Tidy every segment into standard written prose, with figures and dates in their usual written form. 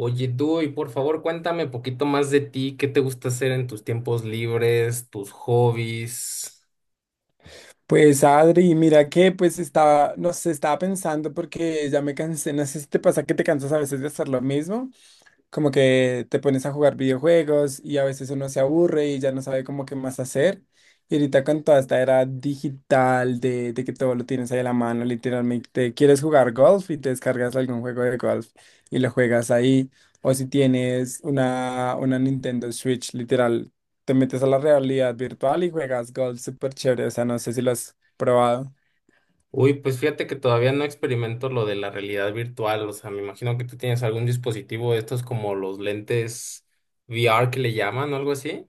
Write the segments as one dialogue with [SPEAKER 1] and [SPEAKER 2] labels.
[SPEAKER 1] Oye, tú, y por favor, cuéntame un poquito más de ti, qué te gusta hacer en tus tiempos libres, tus hobbies.
[SPEAKER 2] Pues Adri, mira que pues estaba, no sé, estaba pensando porque ya me cansé, no sé si te pasa que te cansas a veces de hacer lo mismo como que te pones a jugar videojuegos y a veces uno se aburre y ya no sabe como qué más hacer. Y ahorita con toda esta era digital de que todo lo tienes ahí a la mano, literalmente quieres jugar golf y te descargas algún juego de golf y lo juegas ahí. O si tienes una Nintendo Switch, literal, te metes a la realidad virtual y juegas golf súper chévere. O sea, no sé si lo has probado.
[SPEAKER 1] Uy, pues fíjate que todavía no experimento lo de la realidad virtual, o sea, me imagino que tú tienes algún dispositivo de estos como los lentes VR que le llaman o algo así.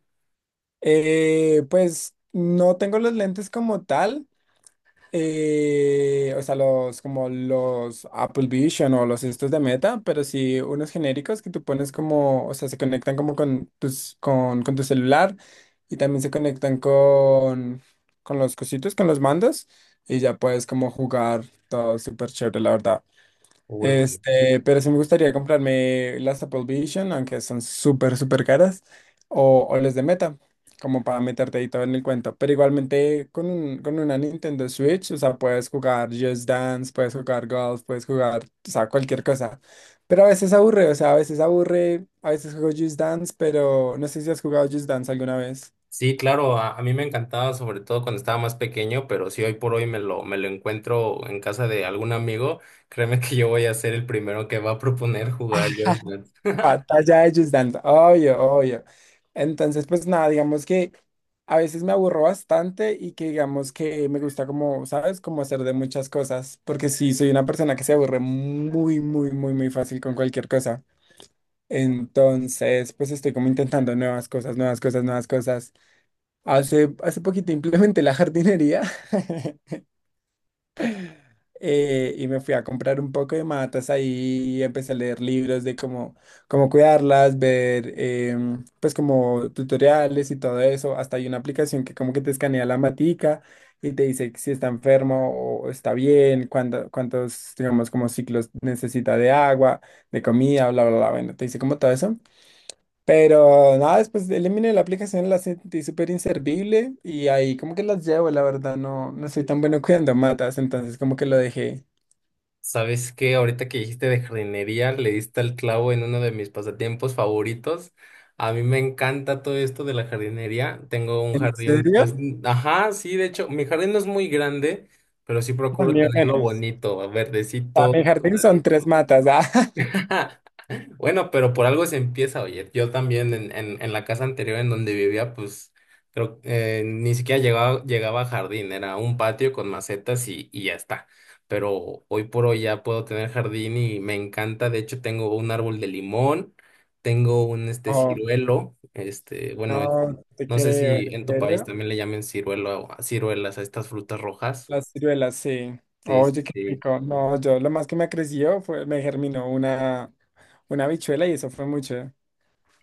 [SPEAKER 2] Pues no tengo los lentes como tal. O sea, los como los Apple Vision o los estos de Meta, pero sí unos genéricos que tú pones como, o sea, se conectan como con tus, con tu celular y también se conectan con los cositos, con los mandos y ya puedes como jugar todo súper chévere, la verdad.
[SPEAKER 1] Uy, buenísimo.
[SPEAKER 2] Este, pero sí me gustaría comprarme las Apple Vision, aunque son súper, súper caras, o las de Meta, como para meterte ahí todo en el cuento. Pero igualmente con, con una Nintendo Switch, o sea, puedes jugar Just Dance, puedes jugar golf, puedes jugar, o sea, cualquier cosa. Pero a veces aburre, o sea, a veces aburre, a veces juego Just Dance, pero no sé si has jugado Just Dance alguna vez.
[SPEAKER 1] Sí, claro, a mí me encantaba, sobre todo cuando estaba más pequeño, pero si hoy por hoy me lo encuentro en casa de algún amigo, créeme que yo voy a ser el primero que va a proponer jugar.
[SPEAKER 2] Batalla de Just Dance, obvio, obvio. Entonces, pues nada, digamos que a veces me aburro bastante y que digamos que me gusta como, ¿sabes? Como hacer de muchas cosas, porque sí, soy una persona que se aburre muy, muy, muy, muy fácil con cualquier cosa. Entonces, pues estoy como intentando nuevas cosas, nuevas cosas, nuevas cosas. Hace poquito implementé la jardinería. Y me fui a comprar un poco de matas ahí y empecé a leer libros de cómo, cómo cuidarlas, ver pues como tutoriales y todo eso. Hasta hay una aplicación que como que te escanea la matica y te dice si está enfermo o está bien, cuántos, digamos, como ciclos necesita de agua, de comida, bla, bla, bla. Bueno, te dice como todo eso. Pero nada, después eliminé la aplicación, la sentí súper inservible y ahí como que las llevo, la verdad, no, no soy tan bueno cuidando matas, entonces como que lo dejé.
[SPEAKER 1] ¿Sabes qué? Ahorita que dijiste de jardinería, le diste al clavo en uno de mis pasatiempos favoritos. A mí me encanta todo esto de la jardinería. Tengo un
[SPEAKER 2] ¿En
[SPEAKER 1] jardín,
[SPEAKER 2] serio?
[SPEAKER 1] pues, mm, ajá, sí, de hecho, mi jardín no es muy grande, pero sí
[SPEAKER 2] No,
[SPEAKER 1] procuro
[SPEAKER 2] ni
[SPEAKER 1] tenerlo
[SPEAKER 2] menos.
[SPEAKER 1] bonito,
[SPEAKER 2] Para
[SPEAKER 1] verdecito,
[SPEAKER 2] mi jardín son tres
[SPEAKER 1] cuidadito.
[SPEAKER 2] matas. Ah.
[SPEAKER 1] Bueno, pero por algo se empieza, oye. Yo también en la casa anterior en donde vivía, pues creo ni siquiera llegaba, llegaba a jardín, era un patio con macetas y ya está. Pero hoy por hoy ya puedo tener jardín y me encanta. De hecho, tengo un árbol de limón, tengo un este
[SPEAKER 2] Oh,
[SPEAKER 1] ciruelo, este, bueno,
[SPEAKER 2] no te
[SPEAKER 1] no sé
[SPEAKER 2] creo.
[SPEAKER 1] si
[SPEAKER 2] ¿En
[SPEAKER 1] en tu país
[SPEAKER 2] serio?
[SPEAKER 1] también le llamen ciruelo, a ciruelas a estas frutas rojas.
[SPEAKER 2] Las ciruelas, sí.
[SPEAKER 1] Sí, sí,
[SPEAKER 2] Oye, qué
[SPEAKER 1] sí.
[SPEAKER 2] rico. No, yo lo más que me creció fue, me germinó una habichuela y eso fue mucho.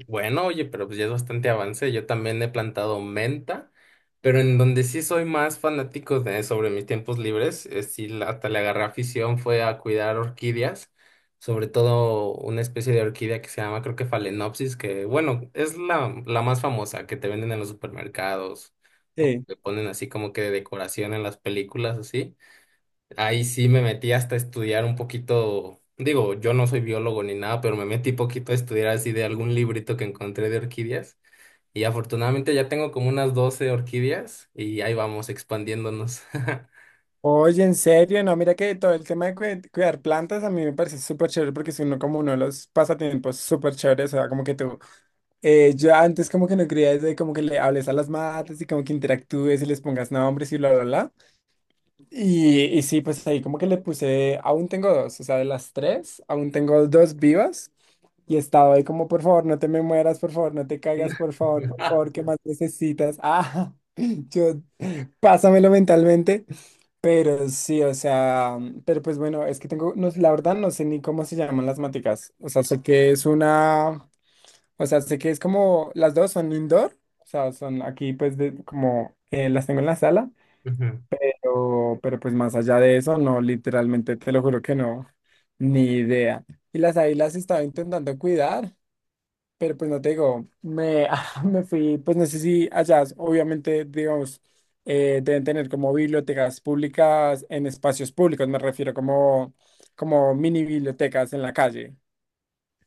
[SPEAKER 1] Bueno, oye, pero pues ya es bastante avance. Yo también he plantado menta, pero en donde sí soy más fanático de sobre mis tiempos libres, sí hasta le agarré afición fue a cuidar orquídeas, sobre todo una especie de orquídea que se llama, creo que Phalaenopsis, que bueno, es la, la más famosa que te venden en los supermercados o
[SPEAKER 2] Sí.
[SPEAKER 1] te ponen así como que de decoración en las películas, así. Ahí sí me metí hasta estudiar un poquito, digo, yo no soy biólogo ni nada, pero me metí poquito a estudiar así de algún librito que encontré de orquídeas y afortunadamente ya tengo como unas 12 orquídeas y ahí vamos expandiéndonos.
[SPEAKER 2] Oye, en serio, no, mira que todo el tema de cuidar plantas a mí me parece súper chévere porque es uno como uno de los pasatiempos súper chéveres, o sea, como que tú, yo antes como que no creía eso de como que le hables a las matas y como que interactúes y les pongas nombres y bla, bla, bla. Y sí, pues ahí como que le puse, aún tengo dos, o sea, de las tres, aún tengo dos vivas. Y estaba ahí como, por favor, no te me mueras, por favor, no te caigas, por favor, ¿qué más necesitas? Ah, yo, pásamelo mentalmente. Pero sí, o sea, pero pues bueno, es que tengo, no, la verdad no sé ni cómo se llaman las maticas. O sea, sé que es una, o sea, sé que es como, las dos son indoor, o sea, son aquí pues de, como, las tengo en la sala. Pero pues más allá de eso, no, literalmente te lo juro que no, ni idea. Y las ahí las estaba intentando cuidar, pero pues no te digo, me, me fui, pues no sé si allá, obviamente, digamos, deben tener como bibliotecas públicas en espacios públicos, me refiero como, como mini bibliotecas en la calle.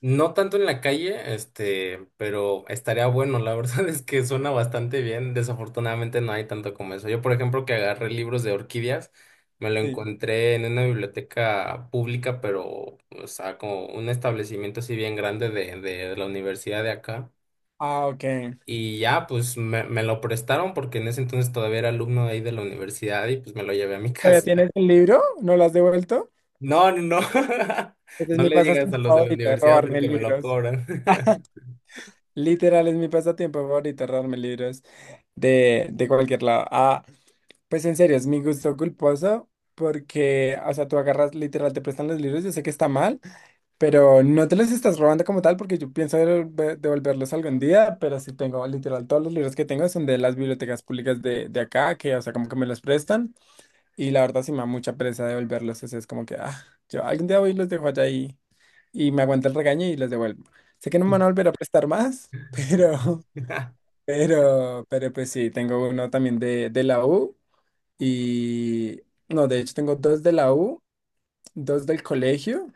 [SPEAKER 1] No tanto en la calle, este, pero estaría bueno. La verdad es que suena bastante bien. Desafortunadamente no hay tanto como eso. Yo, por ejemplo, que agarré libros de orquídeas, me lo
[SPEAKER 2] Sí.
[SPEAKER 1] encontré en una biblioteca pública, pero, o sea, como un establecimiento así bien grande de la universidad de acá.
[SPEAKER 2] Ah, ok.
[SPEAKER 1] Y ya, pues me lo prestaron porque en ese entonces todavía era alumno de ahí de la universidad y pues me lo llevé a mi
[SPEAKER 2] ¿Todavía
[SPEAKER 1] casa.
[SPEAKER 2] tienes el libro? ¿No lo has devuelto?
[SPEAKER 1] No, no, no.
[SPEAKER 2] Ese es
[SPEAKER 1] No
[SPEAKER 2] mi
[SPEAKER 1] le digas a
[SPEAKER 2] pasatiempo
[SPEAKER 1] los de la
[SPEAKER 2] favorito,
[SPEAKER 1] universidad
[SPEAKER 2] robarme
[SPEAKER 1] porque me lo
[SPEAKER 2] libros.
[SPEAKER 1] cobran.
[SPEAKER 2] Literal, es mi pasatiempo favorito, robarme libros. De cualquier lado. Ah, pues en serio, es mi gusto culposo porque, o sea, tú agarras, literal, te prestan los libros, yo sé que está mal, pero no te los estás robando como tal porque yo pienso devolverlos algún día, pero sí tengo, literal, todos los libros que tengo son de las bibliotecas públicas de acá, que, o sea, como que me los prestan y la verdad sí me da mucha pereza devolverlos, eso es como que, ah, yo algún día voy y los dejo allá y me aguanta el regaño y los devuelvo. Sé que no me van a volver a prestar más, pero... Pero pues sí, tengo uno también de la U y no, de hecho tengo dos de la U, dos del colegio,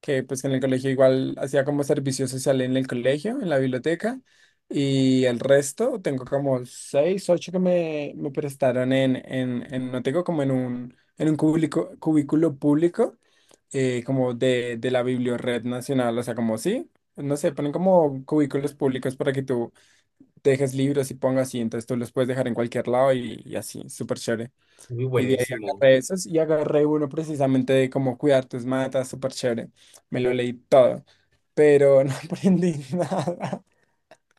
[SPEAKER 2] que pues en el colegio igual hacía como servicio social en el colegio, en la biblioteca, y el resto tengo como seis, ocho que me prestaron en no tengo como en un cubículo público, como de la Bibliored Nacional, o sea, como sí, no sé, ponen como cubículos públicos para que tú dejes libros y pongas y entonces tú los puedes dejar en cualquier lado y así, súper chévere.
[SPEAKER 1] Muy
[SPEAKER 2] Y de ahí
[SPEAKER 1] buenísimo.
[SPEAKER 2] agarré esos y agarré uno precisamente de cómo cuidar tus matas, súper chévere. Me lo leí todo, pero no aprendí nada.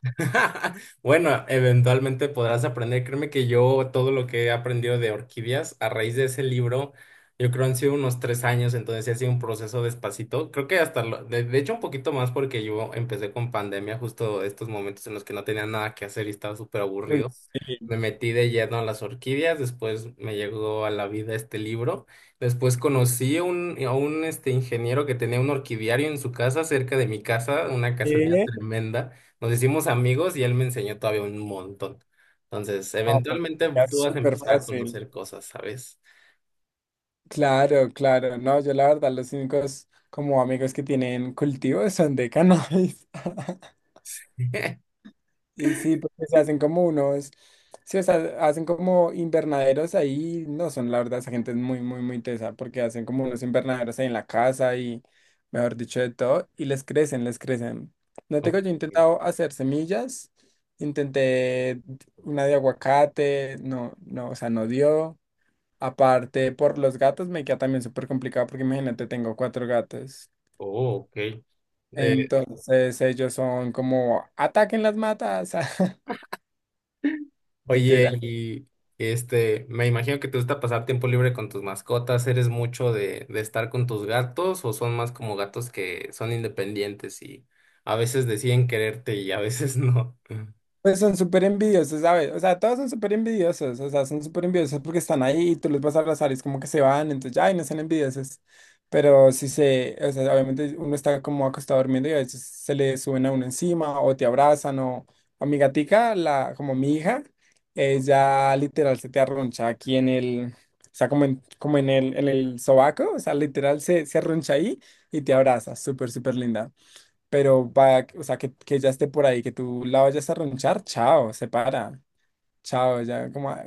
[SPEAKER 1] Bueno, eventualmente podrás aprender. Créeme que yo todo lo que he aprendido de orquídeas a raíz de ese libro, yo creo han sido unos 3 años, entonces sí ha sido un proceso despacito. Creo que hasta, de hecho, un poquito más porque yo empecé con pandemia, justo estos momentos en los que no tenía nada que hacer y estaba súper
[SPEAKER 2] Uy,
[SPEAKER 1] aburrido.
[SPEAKER 2] sí.
[SPEAKER 1] Me metí de lleno a las orquídeas, después me llegó a la vida este libro. Después conocí a un este, ingeniero que tenía un orquidiario en su casa, cerca de mi casa, una casualidad
[SPEAKER 2] ¿Qué?
[SPEAKER 1] tremenda. Nos hicimos amigos y él me enseñó todavía un montón. Entonces,
[SPEAKER 2] No, pues,
[SPEAKER 1] eventualmente
[SPEAKER 2] ya
[SPEAKER 1] tú
[SPEAKER 2] es
[SPEAKER 1] vas a
[SPEAKER 2] súper
[SPEAKER 1] empezar a
[SPEAKER 2] fácil.
[SPEAKER 1] conocer cosas, ¿sabes?
[SPEAKER 2] Claro, claro. No, yo la verdad, los únicos como amigos que tienen cultivos son de cannabis. Y sí, porque se hacen como unos, sí, o sea, hacen como invernaderos ahí, no son, la verdad, esa gente es muy, muy, muy tesa, porque hacen como unos invernaderos ahí en la casa y, mejor dicho, de todo, y les crecen, les crecen. No tengo, yo he
[SPEAKER 1] Ok.
[SPEAKER 2] intentado hacer semillas, intenté una de aguacate, no, no, o sea, no dio. Aparte, por los gatos me queda también súper complicado, porque imagínate, tengo cuatro gatos.
[SPEAKER 1] Oh, ok. Eh,
[SPEAKER 2] Entonces, ellos son como, ataquen las matas,
[SPEAKER 1] oye,
[SPEAKER 2] literal.
[SPEAKER 1] y este, me imagino que te gusta pasar tiempo libre con tus mascotas. ¿Eres mucho de estar con tus gatos o son más como gatos que son independientes y a veces deciden quererte y a veces no?
[SPEAKER 2] Pues son súper envidiosos, ¿sabes? O sea, todos son súper envidiosos, o sea, son súper envidiosos porque están ahí y tú los vas a abrazar y es como que se van, entonces, ay, no sean envidiosos. Pero si se, o sea, obviamente uno está como acostado durmiendo y a veces se le suben a uno encima o te abrazan o a mi gatica, la, como mi hija, ella literal se te arroncha aquí en el, o sea, como en, como en el sobaco, o sea, literal se, se arroncha ahí y te abraza, súper, súper linda. Pero para, o sea, que ya esté por ahí, que tú la vayas a ronchar, chao, se para. Chao, ya como, ah,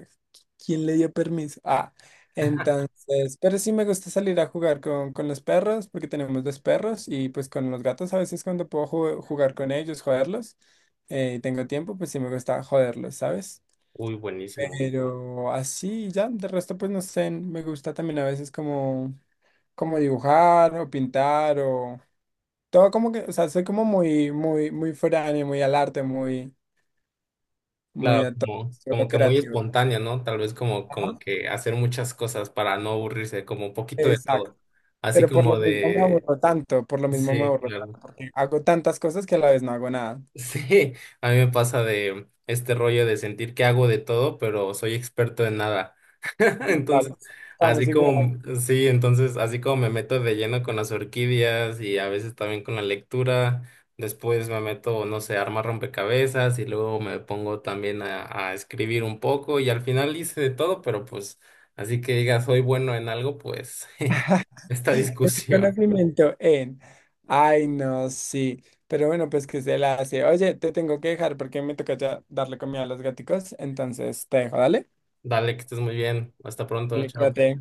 [SPEAKER 2] ¿quién le dio permiso? Ah, entonces, pero sí me gusta salir a jugar con los perros, porque tenemos dos perros, y pues con los gatos a veces cuando puedo jugar con ellos, joderlos, y tengo tiempo, pues sí me gusta joderlos, ¿sabes?
[SPEAKER 1] Uy, buenísimo.
[SPEAKER 2] Pero así ya, de resto pues no sé, me gusta también a veces como, como dibujar o pintar todo como que, o sea, soy como muy, muy, muy frani, muy al arte, muy, muy
[SPEAKER 1] Claro,
[SPEAKER 2] a todo
[SPEAKER 1] como,
[SPEAKER 2] lo
[SPEAKER 1] como que muy
[SPEAKER 2] creativo.
[SPEAKER 1] espontáneo, ¿no? Tal vez como, como
[SPEAKER 2] Ajá.
[SPEAKER 1] que hacer muchas cosas para no aburrirse, como un poquito de
[SPEAKER 2] Exacto.
[SPEAKER 1] todo. Así
[SPEAKER 2] Pero por lo
[SPEAKER 1] como
[SPEAKER 2] mismo me
[SPEAKER 1] de...
[SPEAKER 2] aburro tanto, por lo mismo me
[SPEAKER 1] Sí,
[SPEAKER 2] aburro
[SPEAKER 1] claro.
[SPEAKER 2] tanto, porque hago tantas cosas que a la vez no hago nada.
[SPEAKER 1] Sí, a mí me pasa de este rollo de sentir que hago de todo, pero soy experto en nada. Entonces,
[SPEAKER 2] Estamos, estamos
[SPEAKER 1] así
[SPEAKER 2] igual.
[SPEAKER 1] como, sí, entonces, así como me meto de lleno con las orquídeas y a veces también con la lectura, después me meto, no sé, a armar rompecabezas y luego me pongo también a escribir un poco y al final hice de todo, pero pues, así que digas, soy bueno en algo, pues, esta
[SPEAKER 2] Tengo
[SPEAKER 1] discusión.
[SPEAKER 2] conocimiento en. Ay, no, sí. Pero bueno, pues que se la hace. Oye, te tengo que dejar porque me toca ya darle comida a los gaticos. Entonces te dejo, dale.
[SPEAKER 1] Dale, que estés muy bien. Hasta pronto,
[SPEAKER 2] Dale,
[SPEAKER 1] chao.
[SPEAKER 2] cuídate.